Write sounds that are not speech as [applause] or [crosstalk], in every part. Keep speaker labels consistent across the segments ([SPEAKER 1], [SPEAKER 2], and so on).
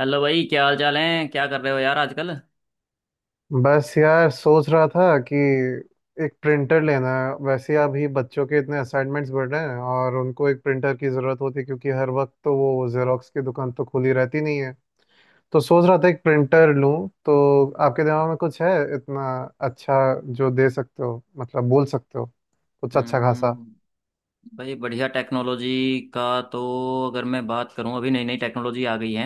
[SPEAKER 1] Hello भाई, क्या हाल चाल है? क्या कर रहे हो यार आजकल?
[SPEAKER 2] बस यार, सोच रहा था कि एक प्रिंटर लेना है। वैसे अभी बच्चों के इतने असाइनमेंट्स बढ़ रहे हैं और उनको एक प्रिंटर की ज़रूरत होती है, क्योंकि हर वक्त तो वो जेरोक्स की दुकान तो खुली रहती नहीं है। तो सोच रहा था एक प्रिंटर लूं। तो आपके दिमाग में कुछ है? इतना अच्छा जो दे सकते हो, मतलब बोल सकते हो, कुछ अच्छा खासा।
[SPEAKER 1] हम्म। भाई, बढ़िया टेक्नोलॉजी का तो अगर मैं बात करूं, अभी नई नई टेक्नोलॉजी आ गई है।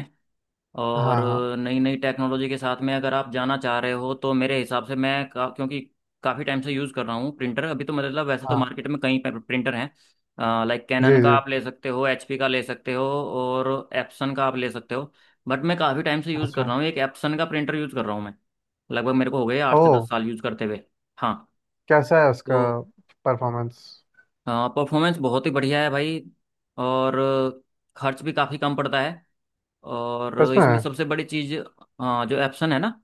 [SPEAKER 1] और
[SPEAKER 2] हाँ हाँ।
[SPEAKER 1] नई नई टेक्नोलॉजी के साथ में अगर आप जाना चाह रहे हो तो मेरे हिसाब से क्योंकि काफ़ी टाइम से यूज़ कर रहा हूँ प्रिंटर अभी तो। मतलब वैसे तो
[SPEAKER 2] हाँ
[SPEAKER 1] मार्केट में कई प्रिंटर हैं, लाइक
[SPEAKER 2] जी
[SPEAKER 1] कैनन का
[SPEAKER 2] जी।
[SPEAKER 1] आप ले सकते हो, एचपी का ले सकते हो और एप्सन का आप ले सकते हो। बट मैं काफ़ी टाइम से यूज़ कर
[SPEAKER 2] अच्छा।
[SPEAKER 1] रहा हूँ, एक एप्सन का प्रिंटर यूज़ कर रहा हूँ मैं। लगभग मेरे को हो गए आठ से
[SPEAKER 2] ओह,
[SPEAKER 1] दस साल यूज़ करते हुए। हाँ।
[SPEAKER 2] कैसा है
[SPEAKER 1] तो
[SPEAKER 2] उसका परफॉर्मेंस?
[SPEAKER 1] हाँ, परफॉर्मेंस बहुत ही बढ़िया है भाई। और खर्च भी काफ़ी कम पड़ता है। और
[SPEAKER 2] सच
[SPEAKER 1] इसमें
[SPEAKER 2] में?
[SPEAKER 1] सबसे बड़ी चीज़ जो एप्सन है ना,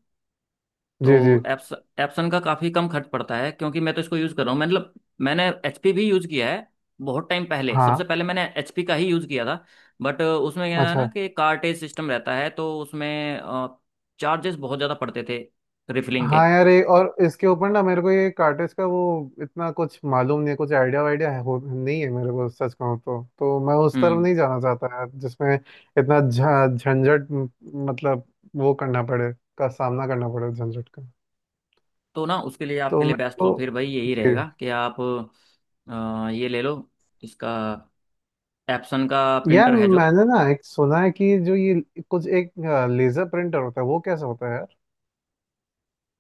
[SPEAKER 2] जी जी।
[SPEAKER 1] तो एप्सन का काफ़ी कम खर्च पड़ता है क्योंकि मैं तो इसको यूज़ कर रहा हूँ। मतलब मैंने एचपी भी यूज़ किया है, बहुत टाइम पहले सबसे
[SPEAKER 2] हाँ।
[SPEAKER 1] पहले मैंने एचपी का ही यूज़ किया था। बट उसमें क्या है ना
[SPEAKER 2] अच्छा।
[SPEAKER 1] कि कार्टेज सिस्टम रहता है, तो उसमें चार्जेस बहुत ज़्यादा पड़ते थे रिफिलिंग
[SPEAKER 2] हाँ
[SPEAKER 1] के।
[SPEAKER 2] यार, ये और इसके ऊपर ना मेरे को ये कार्टेज का वो इतना कुछ मालूम नहीं है। कुछ आइडिया वाइडिया है हो, नहीं है मेरे को, सच कहूँ तो मैं उस तरफ
[SPEAKER 1] हम्म।
[SPEAKER 2] नहीं जाना चाहता यार, जिसमें इतना झंझट मतलब वो करना पड़े, का सामना करना पड़े, झंझट का।
[SPEAKER 1] तो ना, उसके लिए
[SPEAKER 2] तो
[SPEAKER 1] आपके लिए
[SPEAKER 2] मेरे
[SPEAKER 1] बेस्ट
[SPEAKER 2] को।
[SPEAKER 1] तो फिर भाई यही
[SPEAKER 2] जी।
[SPEAKER 1] रहेगा कि आप ये ले लो। इसका एप्सन का
[SPEAKER 2] यार,
[SPEAKER 1] प्रिंटर है जो।
[SPEAKER 2] मैंने ना एक सुना है कि जो ये कुछ एक लेजर प्रिंटर होता है वो कैसा होता है यार?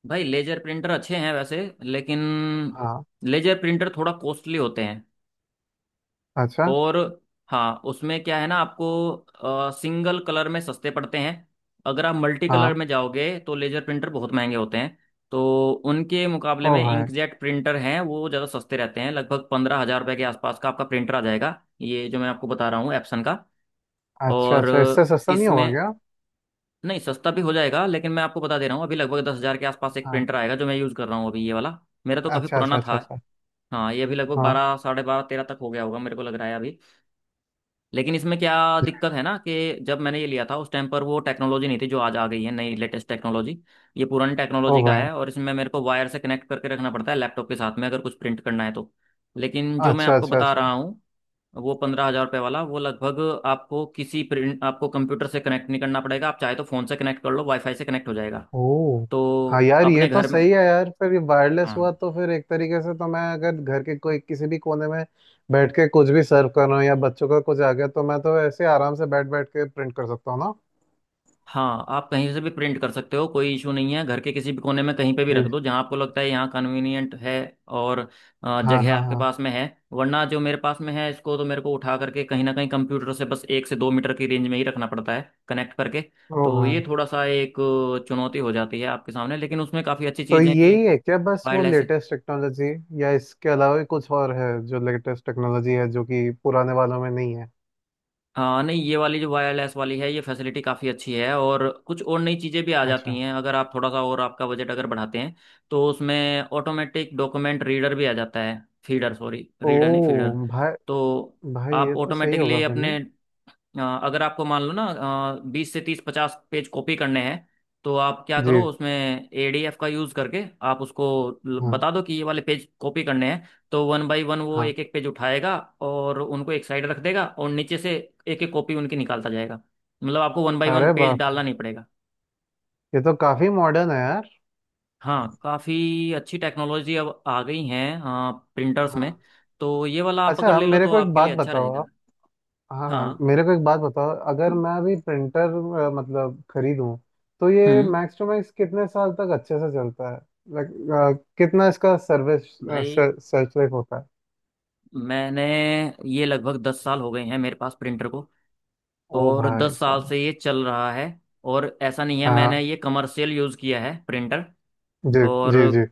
[SPEAKER 1] भाई लेजर प्रिंटर अच्छे हैं वैसे, लेकिन
[SPEAKER 2] हाँ।
[SPEAKER 1] लेजर प्रिंटर थोड़ा कॉस्टली होते हैं।
[SPEAKER 2] अच्छा।
[SPEAKER 1] और हाँ, उसमें क्या है ना, आपको सिंगल कलर में सस्ते पड़ते हैं। अगर आप मल्टी कलर
[SPEAKER 2] हाँ।
[SPEAKER 1] में जाओगे तो लेजर प्रिंटर बहुत महंगे होते हैं। तो उनके
[SPEAKER 2] ओ
[SPEAKER 1] मुकाबले में
[SPEAKER 2] भाई।
[SPEAKER 1] इंकजेट प्रिंटर हैं, वो ज़्यादा सस्ते रहते हैं। लगभग 15,000 रुपये के आसपास का आपका प्रिंटर आ जाएगा, ये जो मैं आपको बता रहा हूँ एप्सन का।
[SPEAKER 2] अच्छा
[SPEAKER 1] और
[SPEAKER 2] अच्छा, इससे सस्ता नहीं होगा
[SPEAKER 1] इसमें
[SPEAKER 2] क्या?
[SPEAKER 1] नहीं, सस्ता भी हो जाएगा लेकिन मैं आपको बता दे रहा हूँ अभी लगभग 10,000 के आसपास एक
[SPEAKER 2] हाँ।
[SPEAKER 1] प्रिंटर आएगा, जो मैं यूज़ कर रहा हूँ अभी ये वाला। मेरा तो काफ़ी
[SPEAKER 2] अच्छा अच्छा
[SPEAKER 1] पुराना था।
[SPEAKER 2] अच्छा अच्छा।
[SPEAKER 1] हाँ, ये अभी लगभग
[SPEAKER 2] हाँ।
[SPEAKER 1] बारह साढ़े बारह तेरह तक हो गया होगा, मेरे को लग रहा है अभी। लेकिन इसमें क्या दिक्कत है ना कि जब मैंने ये लिया था उस टाइम पर वो टेक्नोलॉजी नहीं थी जो आज आ गई है, नई लेटेस्ट टेक्नोलॉजी। ये पुरानी
[SPEAKER 2] ओ
[SPEAKER 1] टेक्नोलॉजी का
[SPEAKER 2] भाई।
[SPEAKER 1] है और इसमें मेरे को वायर से कनेक्ट करके रखना पड़ता है लैपटॉप के साथ में अगर कुछ प्रिंट करना है तो। लेकिन जो मैं
[SPEAKER 2] अच्छा
[SPEAKER 1] आपको
[SPEAKER 2] अच्छा
[SPEAKER 1] बता
[SPEAKER 2] अच्छा।
[SPEAKER 1] रहा हूँ, वो पंद्रह हजार रुपये वाला, वो लगभग आपको किसी प्रिंट, आपको कंप्यूटर से कनेक्ट नहीं करना पड़ेगा। आप चाहे तो फ़ोन से कनेक्ट कर लो, वाईफाई से कनेक्ट हो जाएगा।
[SPEAKER 2] ओ। हाँ
[SPEAKER 1] तो
[SPEAKER 2] यार, ये
[SPEAKER 1] अपने
[SPEAKER 2] तो
[SPEAKER 1] घर में,
[SPEAKER 2] सही है यार। फिर ये वायरलेस
[SPEAKER 1] हाँ
[SPEAKER 2] हुआ तो फिर एक तरीके से तो मैं अगर घर के कोई किसी भी कोने में बैठ के कुछ भी सर्व कर रहा हूँ या बच्चों का कुछ आ गया तो मैं तो ऐसे आराम से बैठ बैठ के प्रिंट कर सकता हूँ ना।
[SPEAKER 1] हाँ, आप कहीं से भी प्रिंट कर सकते हो, कोई इशू नहीं है। घर के किसी भी कोने में कहीं पे भी
[SPEAKER 2] जी।
[SPEAKER 1] रख दो जहाँ आपको लगता है यहाँ कन्वीनियंट है और
[SPEAKER 2] हाँ
[SPEAKER 1] जगह
[SPEAKER 2] हाँ
[SPEAKER 1] आपके
[SPEAKER 2] हाँ।
[SPEAKER 1] पास में है। वरना जो मेरे पास में है, इसको तो मेरे को उठा करके कहीं ना कहीं कंप्यूटर से बस 1 से 2 मीटर की रेंज में ही रखना पड़ता है कनेक्ट करके।
[SPEAKER 2] ओ
[SPEAKER 1] तो
[SPEAKER 2] भाई।
[SPEAKER 1] ये थोड़ा सा एक चुनौती हो जाती है आपके सामने, लेकिन उसमें काफ़ी अच्छी
[SPEAKER 2] तो
[SPEAKER 1] चीज़ है कि
[SPEAKER 2] यही है क्या बस वो
[SPEAKER 1] वायरलेस है।
[SPEAKER 2] लेटेस्ट टेक्नोलॉजी, या इसके अलावा भी कुछ और है जो लेटेस्ट टेक्नोलॉजी है जो कि पुराने वालों में नहीं है?
[SPEAKER 1] हाँ नहीं, ये वाली जो वायरलेस वाली है ये फैसिलिटी काफ़ी अच्छी है, और कुछ और नई चीज़ें भी आ जाती
[SPEAKER 2] अच्छा।
[SPEAKER 1] हैं अगर आप थोड़ा सा और आपका बजट अगर बढ़ाते हैं तो उसमें ऑटोमेटिक डॉक्यूमेंट रीडर भी आ जाता है। फीडर, सॉरी,
[SPEAKER 2] ओ
[SPEAKER 1] रीडर नहीं, फीडर।
[SPEAKER 2] भाई।
[SPEAKER 1] तो
[SPEAKER 2] भाई,
[SPEAKER 1] आप
[SPEAKER 2] ये तो सही होगा
[SPEAKER 1] ऑटोमेटिकली
[SPEAKER 2] फिर नहीं?
[SPEAKER 1] अपने अगर आपको मान लो ना 20 से 30 50 पेज कॉपी करने हैं, तो आप क्या करो
[SPEAKER 2] जी।
[SPEAKER 1] उसमें एडीएफ का यूज करके आप उसको
[SPEAKER 2] हाँ
[SPEAKER 1] बता दो कि ये वाले पेज कॉपी करने हैं, तो वन बाय वन वो
[SPEAKER 2] हाँ।
[SPEAKER 1] एक एक पेज उठाएगा और उनको एक साइड रख देगा और नीचे से एक एक कॉपी उनकी निकालता जाएगा। मतलब आपको वन बाय वन
[SPEAKER 2] अरे
[SPEAKER 1] पेज
[SPEAKER 2] वाह!
[SPEAKER 1] डालना नहीं पड़ेगा।
[SPEAKER 2] ये तो काफी मॉडर्न है यार।
[SPEAKER 1] हाँ, काफ़ी अच्छी टेक्नोलॉजी अब आ गई हैं प्रिंटर्स
[SPEAKER 2] हाँ।
[SPEAKER 1] में। तो ये वाला आप अगर
[SPEAKER 2] अच्छा,
[SPEAKER 1] ले लो
[SPEAKER 2] मेरे
[SPEAKER 1] तो
[SPEAKER 2] को एक
[SPEAKER 1] आपके
[SPEAKER 2] बात
[SPEAKER 1] लिए अच्छा
[SPEAKER 2] बताओ
[SPEAKER 1] रहेगा।
[SPEAKER 2] आप। हाँ हाँ,
[SPEAKER 1] हाँ।
[SPEAKER 2] मेरे को एक बात बताओ, अगर मैं अभी प्रिंटर मतलब खरीदूं तो ये
[SPEAKER 1] हम्म।
[SPEAKER 2] मैक्स टू मैक्स कितने साल तक अच्छे से चलता है? लाइक कितना इसका सर्विस,
[SPEAKER 1] भाई
[SPEAKER 2] सर्च लाइफ होता है?
[SPEAKER 1] मैंने, ये लगभग 10 साल हो गए हैं मेरे पास प्रिंटर को,
[SPEAKER 2] ओ
[SPEAKER 1] और
[SPEAKER 2] भाई
[SPEAKER 1] 10 साल
[SPEAKER 2] साहब।
[SPEAKER 1] से ये चल रहा है। और ऐसा नहीं है,
[SPEAKER 2] हाँ।
[SPEAKER 1] मैंने ये कमर्शियल यूज़ किया है प्रिंटर।
[SPEAKER 2] जी
[SPEAKER 1] और
[SPEAKER 2] जी जी।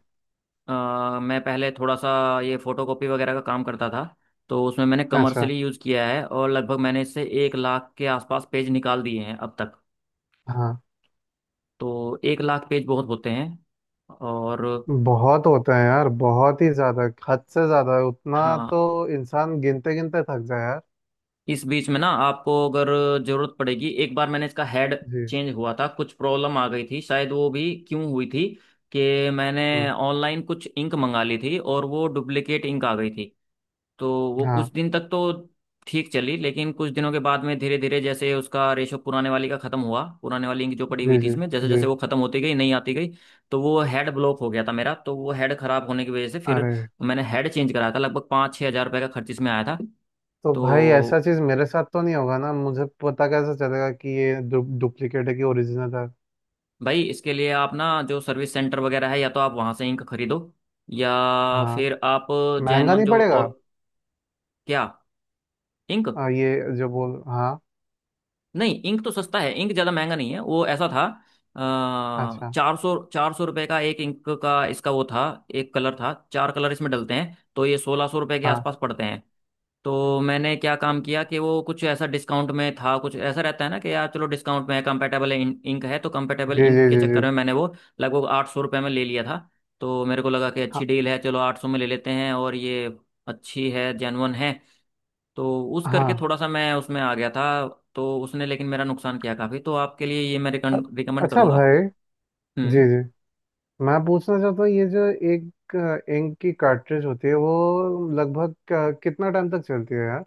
[SPEAKER 1] अ, मैं पहले थोड़ा सा ये फोटोकॉपी वगैरह का काम करता था, तो उसमें मैंने
[SPEAKER 2] अच्छा।
[SPEAKER 1] कमर्शियली यूज़ किया है। और लगभग मैंने इससे 1 लाख के आसपास पेज निकाल दिए हैं अब तक।
[SPEAKER 2] हाँ।
[SPEAKER 1] तो 1 लाख पेज बहुत होते हैं। और
[SPEAKER 2] बहुत होता है यार, बहुत ही ज्यादा। हद से ज्यादा उतना।
[SPEAKER 1] हाँ,
[SPEAKER 2] तो इंसान गिनते गिनते थक जाए यार।
[SPEAKER 1] इस बीच में ना आपको अगर जरूरत पड़ेगी, एक बार मैंने इसका हेड
[SPEAKER 2] जी।
[SPEAKER 1] चेंज हुआ था, कुछ प्रॉब्लम आ गई थी शायद। वो भी क्यों हुई थी कि मैंने
[SPEAKER 2] हम्म,
[SPEAKER 1] ऑनलाइन कुछ इंक मंगा ली थी और वो डुप्लीकेट इंक आ गई थी। तो वो कुछ
[SPEAKER 2] हाँ।
[SPEAKER 1] दिन तक तो ठीक चली, लेकिन कुछ दिनों के बाद में धीरे धीरे जैसे उसका रेशो पुराने वाली का खत्म हुआ, पुराने वाली इंक जो पड़ी हुई
[SPEAKER 2] जी
[SPEAKER 1] थी
[SPEAKER 2] जी
[SPEAKER 1] इसमें, जैसे
[SPEAKER 2] जी।
[SPEAKER 1] जैसे वो खत्म होती गई नहीं आती गई, तो वो हेड ब्लॉक हो गया था मेरा। तो वो हेड खराब होने की वजह से फिर
[SPEAKER 2] अरे।
[SPEAKER 1] मैंने हेड चेंज कराया था, लगभग 5-6 हज़ार रुपये का खर्च इसमें आया था।
[SPEAKER 2] तो भाई, ऐसा
[SPEAKER 1] तो
[SPEAKER 2] चीज मेरे साथ तो नहीं होगा ना? मुझे पता कैसे चलेगा कि ये डु, डुप्लीकेट है कि ओरिजिनल है?
[SPEAKER 1] भाई इसके लिए आप ना जो सर्विस सेंटर वगैरह है, या तो आप वहां से इंक खरीदो या
[SPEAKER 2] हाँ।
[SPEAKER 1] फिर आप
[SPEAKER 2] महंगा
[SPEAKER 1] जेनवन
[SPEAKER 2] नहीं
[SPEAKER 1] जो
[SPEAKER 2] पड़ेगा?
[SPEAKER 1] और क्या इंक,
[SPEAKER 2] ये जो बोल, हाँ।
[SPEAKER 1] नहीं इंक तो सस्ता है, इंक ज़्यादा महंगा नहीं है, वो ऐसा था
[SPEAKER 2] अच्छा।
[SPEAKER 1] 400-400 रुपये का एक इंक का इसका वो था। एक कलर था, चार कलर इसमें डलते हैं, तो ये 1,600 रुपये के
[SPEAKER 2] हाँ।
[SPEAKER 1] आसपास पड़ते हैं। तो मैंने क्या काम किया कि वो कुछ ऐसा डिस्काउंट में था, कुछ ऐसा रहता है ना कि यार चलो डिस्काउंट में है, कंपेटेबल इंक है, तो कंपेटेबल
[SPEAKER 2] जी
[SPEAKER 1] इंक
[SPEAKER 2] जी
[SPEAKER 1] के
[SPEAKER 2] जी जी।
[SPEAKER 1] चक्कर में मैंने वो लगभग 800 रुपये में ले लिया था। तो मेरे को लगा कि
[SPEAKER 2] हाँ
[SPEAKER 1] अच्छी डील है, चलो 800 में ले लेते हैं और ये अच्छी है, जेन्युइन है। तो उस करके
[SPEAKER 2] हाँ।
[SPEAKER 1] थोड़ा सा मैं उसमें आ गया था। तो उसने लेकिन मेरा नुकसान किया काफ़ी। तो आपके लिए ये मैं
[SPEAKER 2] अ-
[SPEAKER 1] रिकमेंड
[SPEAKER 2] अच्छा
[SPEAKER 1] करूंगा।
[SPEAKER 2] भाई। जी
[SPEAKER 1] हम्म।
[SPEAKER 2] जी। मैं पूछना चाहता हूँ ये जो एक इंक की कार्ट्रिज होती है वो लगभग कितना टाइम तक चलती है यार?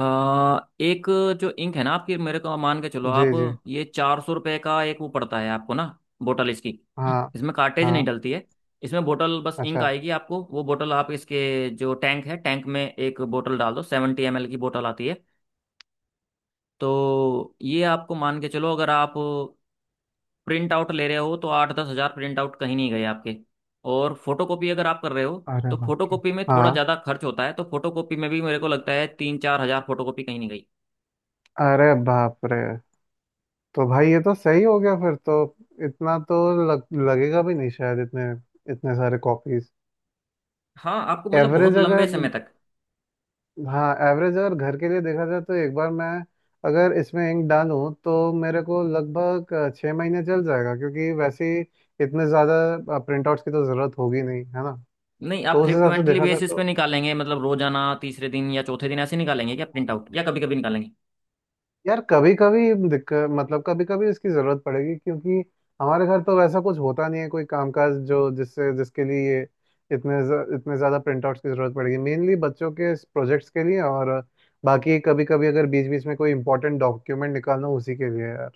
[SPEAKER 1] एक जो इंक है ना आपकी, मेरे को मान के चलो,
[SPEAKER 2] जी
[SPEAKER 1] आप
[SPEAKER 2] जी।
[SPEAKER 1] ये 400 रुपये का एक वो पड़ता है आपको ना, बोतल इसकी।
[SPEAKER 2] हाँ।
[SPEAKER 1] [clears throat] इसमें कार्टेज नहीं
[SPEAKER 2] हाँ।
[SPEAKER 1] डलती है, इसमें बोतल बस इंक
[SPEAKER 2] अच्छा।
[SPEAKER 1] आएगी आपको। वो बोतल आप इसके जो टैंक है टैंक में एक बोतल डाल दो, 70 ml की बोतल आती है। तो ये आपको मान के चलो, अगर आप प्रिंट आउट ले रहे हो तो 8-10 हज़ार प्रिंट आउट कहीं नहीं गए आपके। और फोटोकॉपी अगर आप कर रहे हो
[SPEAKER 2] अरे
[SPEAKER 1] तो
[SPEAKER 2] बाप रे!
[SPEAKER 1] फोटोकॉपी में थोड़ा
[SPEAKER 2] हाँ।
[SPEAKER 1] ज़्यादा खर्च होता है, तो फोटोकॉपी में भी मेरे को लगता है 3-4 हज़ार फोटोकॉपी कहीं नहीं गई।
[SPEAKER 2] अरे बाप रे! तो भाई, ये तो सही हो गया फिर तो। इतना तो लगेगा भी नहीं शायद, इतने इतने सारे कॉपीज।
[SPEAKER 1] हाँ, आपको मतलब बहुत
[SPEAKER 2] एवरेज
[SPEAKER 1] लंबे
[SPEAKER 2] अगर,
[SPEAKER 1] समय तक
[SPEAKER 2] हाँ एवरेज अगर घर के लिए देखा जाए तो एक बार मैं अगर इसमें इंक डालूं तो मेरे को लगभग 6 महीने चल जाएगा, क्योंकि वैसे ही इतने ज़्यादा प्रिंटआउट्स की तो ज़रूरत होगी नहीं है ना।
[SPEAKER 1] नहीं। आप
[SPEAKER 2] तो उस हिसाब से
[SPEAKER 1] फ्रिक्वेंटली
[SPEAKER 2] देखा जाए
[SPEAKER 1] बेसिस पे
[SPEAKER 2] तो
[SPEAKER 1] निकालेंगे, मतलब रोजाना तीसरे दिन या चौथे दिन ऐसे निकालेंगे क्या प्रिंट आउट, या कभी कभी निकालेंगे?
[SPEAKER 2] यार, कभी कभी दिक्कत, मतलब कभी कभी इसकी जरूरत पड़ेगी, क्योंकि हमारे घर तो वैसा कुछ होता नहीं है, कोई कामकाज जो जिससे जिसके लिए ये इतने इतने ज्यादा प्रिंटआउट्स की जरूरत पड़ेगी, मेनली बच्चों के प्रोजेक्ट्स के लिए, और बाकी कभी कभी अगर बीच बीच में कोई इंपॉर्टेंट डॉक्यूमेंट निकालना हो, उसी के लिए यार।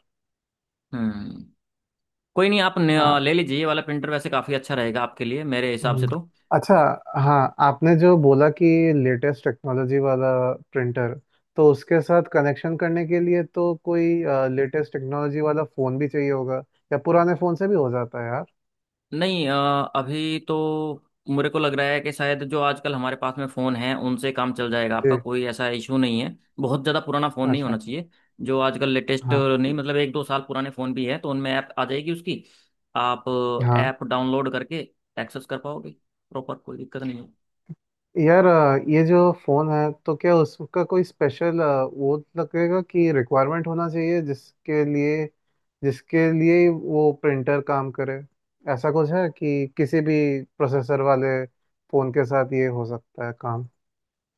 [SPEAKER 1] हम्म। कोई नहीं, आप
[SPEAKER 2] हाँ।
[SPEAKER 1] ले लीजिए ये वाला प्रिंटर, वैसे काफ़ी अच्छा रहेगा आपके लिए मेरे हिसाब से
[SPEAKER 2] हम्म,
[SPEAKER 1] तो।
[SPEAKER 2] अच्छा। हाँ, आपने जो बोला कि लेटेस्ट टेक्नोलॉजी वाला प्रिंटर, तो उसके साथ कनेक्शन करने के लिए तो कोई लेटेस्ट टेक्नोलॉजी वाला फ़ोन भी चाहिए होगा, या पुराने फ़ोन से भी हो जाता है यार?
[SPEAKER 1] नहीं अभी तो मेरे को लग रहा है कि शायद जो आजकल हमारे पास में फ़ोन है उनसे काम चल जाएगा आपका,
[SPEAKER 2] जी।
[SPEAKER 1] कोई ऐसा इशू नहीं है। बहुत ज़्यादा पुराना फ़ोन नहीं
[SPEAKER 2] अच्छा।
[SPEAKER 1] होना चाहिए, जो आजकल लेटेस्ट
[SPEAKER 2] हाँ।
[SPEAKER 1] नहीं। मतलब 1-2 साल पुराने फ़ोन भी है तो उनमें ऐप आ जाएगी उसकी। आप
[SPEAKER 2] हाँ
[SPEAKER 1] ऐप डाउनलोड करके एक्सेस कर पाओगे, प्रॉपर कोई दिक्कत नहीं है।
[SPEAKER 2] यार, ये जो फ़ोन है तो क्या उसका कोई स्पेशल वो लगेगा कि रिक्वायरमेंट होना चाहिए जिसके लिए, जिसके लिए ही वो प्रिंटर काम करे? ऐसा कुछ है कि किसी भी प्रोसेसर वाले फोन के साथ ये हो सकता है काम?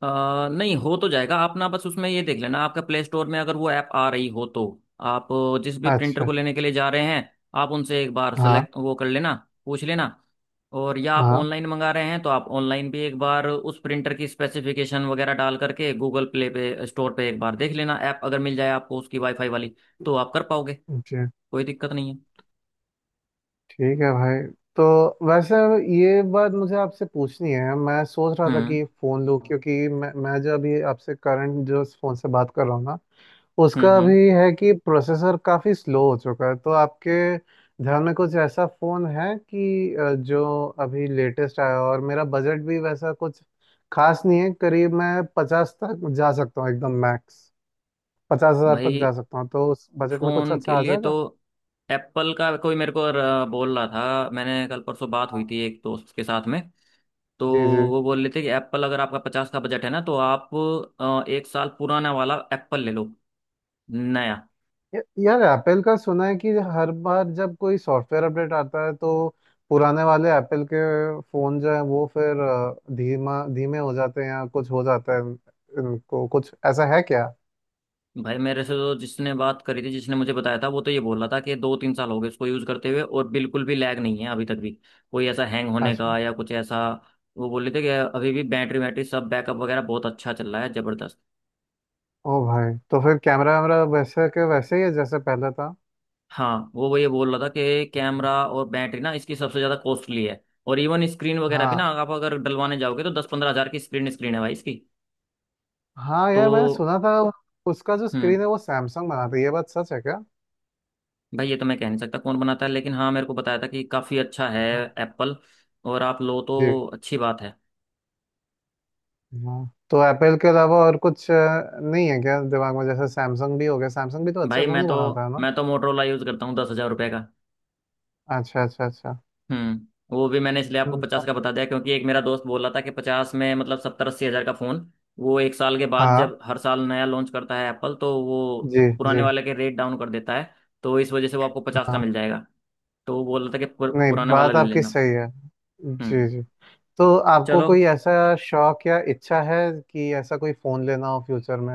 [SPEAKER 1] अ, नहीं, हो तो जाएगा, आप ना बस उसमें ये देख लेना, आपका प्ले स्टोर में अगर वो ऐप आ रही हो तो आप जिस भी प्रिंटर
[SPEAKER 2] अच्छा।
[SPEAKER 1] को लेने के लिए जा रहे हैं, आप उनसे एक बार
[SPEAKER 2] हाँ।
[SPEAKER 1] सेलेक्ट वो कर लेना, पूछ लेना। और या आप
[SPEAKER 2] हाँ।
[SPEAKER 1] ऑनलाइन मंगा रहे हैं तो आप ऑनलाइन भी एक बार उस प्रिंटर की स्पेसिफिकेशन वगैरह डाल करके गूगल प्ले पे स्टोर पे एक बार देख लेना, ऐप अगर मिल जाए आपको उसकी वाईफाई वाली तो आप कर पाओगे,
[SPEAKER 2] जी।
[SPEAKER 1] कोई दिक्कत नहीं है।
[SPEAKER 2] ठीक है भाई। तो वैसे, ये बात मुझे आपसे पूछनी है। मैं सोच रहा था
[SPEAKER 1] हम्म,
[SPEAKER 2] कि फ़ोन लूँ, क्योंकि मैं जो अभी आपसे करंट जो फ़ोन से बात कर रहा हूँ ना,
[SPEAKER 1] हम्म,
[SPEAKER 2] उसका
[SPEAKER 1] हम्म।
[SPEAKER 2] भी है कि प्रोसेसर काफ़ी स्लो हो चुका है। तो आपके ध्यान में कुछ ऐसा फ़ोन है कि जो अभी लेटेस्ट आया हो? और मेरा बजट भी वैसा कुछ खास नहीं है, करीब मैं पचास तक जा सकता हूँ एकदम मैक्स। 50,000 तक जा
[SPEAKER 1] भाई
[SPEAKER 2] सकता हूँ, तो उस बजट में कुछ
[SPEAKER 1] फोन
[SPEAKER 2] अच्छा
[SPEAKER 1] के
[SPEAKER 2] आ
[SPEAKER 1] लिए तो
[SPEAKER 2] जाएगा।
[SPEAKER 1] एप्पल का कोई, मेरे को बोल रहा था, मैंने कल परसों बात
[SPEAKER 2] हाँ।
[SPEAKER 1] हुई थी एक दोस्त के साथ में। तो
[SPEAKER 2] जी जी।
[SPEAKER 1] वो बोल रहे थे कि एप्पल, अगर आपका 50 का बजट है ना तो आप एक साल पुराना वाला एप्पल ले लो, नया।
[SPEAKER 2] यार एप्पल का सुना है कि हर बार जब कोई सॉफ्टवेयर अपडेट आता है तो पुराने वाले एप्पल के फोन जो है वो फिर धीमा धीमे हो जाते हैं या कुछ हो जाता है। इनको कुछ ऐसा है क्या?
[SPEAKER 1] भाई मेरे से तो जिसने बात करी थी, जिसने मुझे बताया था, वो तो ये बोल रहा था कि 2-3 साल हो गए इसको यूज़ करते हुए और बिल्कुल भी लैग नहीं है अभी तक भी, कोई ऐसा हैंग होने
[SPEAKER 2] अच्छा।
[SPEAKER 1] का या कुछ ऐसा। वो बोल रहे थे कि अभी भी बैटरी वैटरी सब बैकअप वगैरह बहुत अच्छा चल रहा है, जबरदस्त।
[SPEAKER 2] ओ भाई, तो फिर कैमरा वैमरा वैसे के वैसे ही है जैसे पहले था?
[SPEAKER 1] हाँ, वो ये बोल रहा था कि कैमरा और बैटरी ना इसकी सबसे ज्यादा कॉस्टली है। और इवन स्क्रीन वगैरह भी ना,
[SPEAKER 2] हाँ।
[SPEAKER 1] आप अगर डलवाने जाओगे तो 10-15 हज़ार की स्क्रीन, स्क्रीन है भाई इसकी।
[SPEAKER 2] हाँ यार, मैंने
[SPEAKER 1] तो
[SPEAKER 2] सुना था, उसका जो
[SPEAKER 1] हम्म।
[SPEAKER 2] स्क्रीन है वो सैमसंग बनाता है, ये बात सच है क्या?
[SPEAKER 1] भाई, ये तो मैं कह नहीं सकता कौन बनाता है, लेकिन हाँ मेरे को बताया था कि काफी अच्छा है
[SPEAKER 2] हाँ।
[SPEAKER 1] एप्पल, और आप लो
[SPEAKER 2] जी।
[SPEAKER 1] तो अच्छी बात है।
[SPEAKER 2] हाँ, तो एप्पल के अलावा और कुछ नहीं है क्या दिमाग में? जैसे सैमसंग भी हो गया, सैमसंग भी तो अच्छे
[SPEAKER 1] भाई
[SPEAKER 2] फोन ही बनाता है ना?
[SPEAKER 1] मैं तो मोटरोला यूज करता हूँ, 10,000 रुपये।
[SPEAKER 2] अच्छा अच्छा अच्छा।
[SPEAKER 1] हम्म। वो भी मैंने इसलिए आपको
[SPEAKER 2] हम्म,
[SPEAKER 1] 50 का बता दिया क्योंकि एक मेरा दोस्त बोल रहा था कि 50 में, मतलब 70-80 हज़ार का फोन, वो 1 साल के बाद,
[SPEAKER 2] हाँ।
[SPEAKER 1] जब हर साल नया लॉन्च करता है एप्पल, तो वो
[SPEAKER 2] जी
[SPEAKER 1] पुराने
[SPEAKER 2] जी।
[SPEAKER 1] वाले के रेट डाउन कर देता है। तो इस वजह से वो आपको 50 का
[SPEAKER 2] हाँ,
[SPEAKER 1] मिल जाएगा। तो वो बोल रहा था कि
[SPEAKER 2] नहीं
[SPEAKER 1] पुराने वाला
[SPEAKER 2] बात
[SPEAKER 1] ले
[SPEAKER 2] आपकी
[SPEAKER 1] लेना।
[SPEAKER 2] सही है। जी
[SPEAKER 1] हम्म।
[SPEAKER 2] जी। तो आपको
[SPEAKER 1] चलो,
[SPEAKER 2] कोई ऐसा शौक या इच्छा है कि ऐसा कोई फोन लेना हो फ्यूचर में?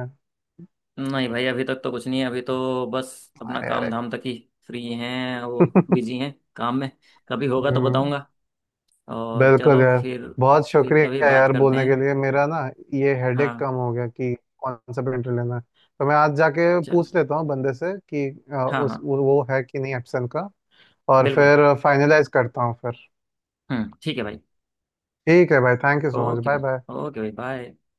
[SPEAKER 1] नहीं भाई, अभी तक तो कुछ नहीं है। अभी तो बस अपना
[SPEAKER 2] अरे
[SPEAKER 1] काम
[SPEAKER 2] अरे।
[SPEAKER 1] धाम तक ही फ्री हैं वो, बिजी
[SPEAKER 2] [laughs]
[SPEAKER 1] हैं काम में। कभी होगा तो
[SPEAKER 2] हम्म।
[SPEAKER 1] बताऊंगा। और
[SPEAKER 2] बिल्कुल
[SPEAKER 1] चलो
[SPEAKER 2] यार।
[SPEAKER 1] फिर
[SPEAKER 2] बहुत
[SPEAKER 1] फिर कभी
[SPEAKER 2] शुक्रिया
[SPEAKER 1] बात
[SPEAKER 2] यार
[SPEAKER 1] करते
[SPEAKER 2] बोलने
[SPEAKER 1] हैं।
[SPEAKER 2] के लिए, मेरा ना ये
[SPEAKER 1] हाँ,
[SPEAKER 2] हेडेक कम हो गया कि कौन सा प्रिंटर लेना है। तो मैं आज जाके
[SPEAKER 1] चलो,
[SPEAKER 2] पूछ लेता हूँ बंदे से कि
[SPEAKER 1] हाँ हाँ
[SPEAKER 2] उस वो है कि नहीं एप्सन का, और
[SPEAKER 1] बिल्कुल।
[SPEAKER 2] फिर फाइनलाइज करता हूँ फिर।
[SPEAKER 1] हम्म, ठीक है भाई।
[SPEAKER 2] ठीक है भाई, thank you so much.
[SPEAKER 1] Okay
[SPEAKER 2] bye
[SPEAKER 1] भाई।
[SPEAKER 2] बाय।
[SPEAKER 1] ओके भाई, बाय।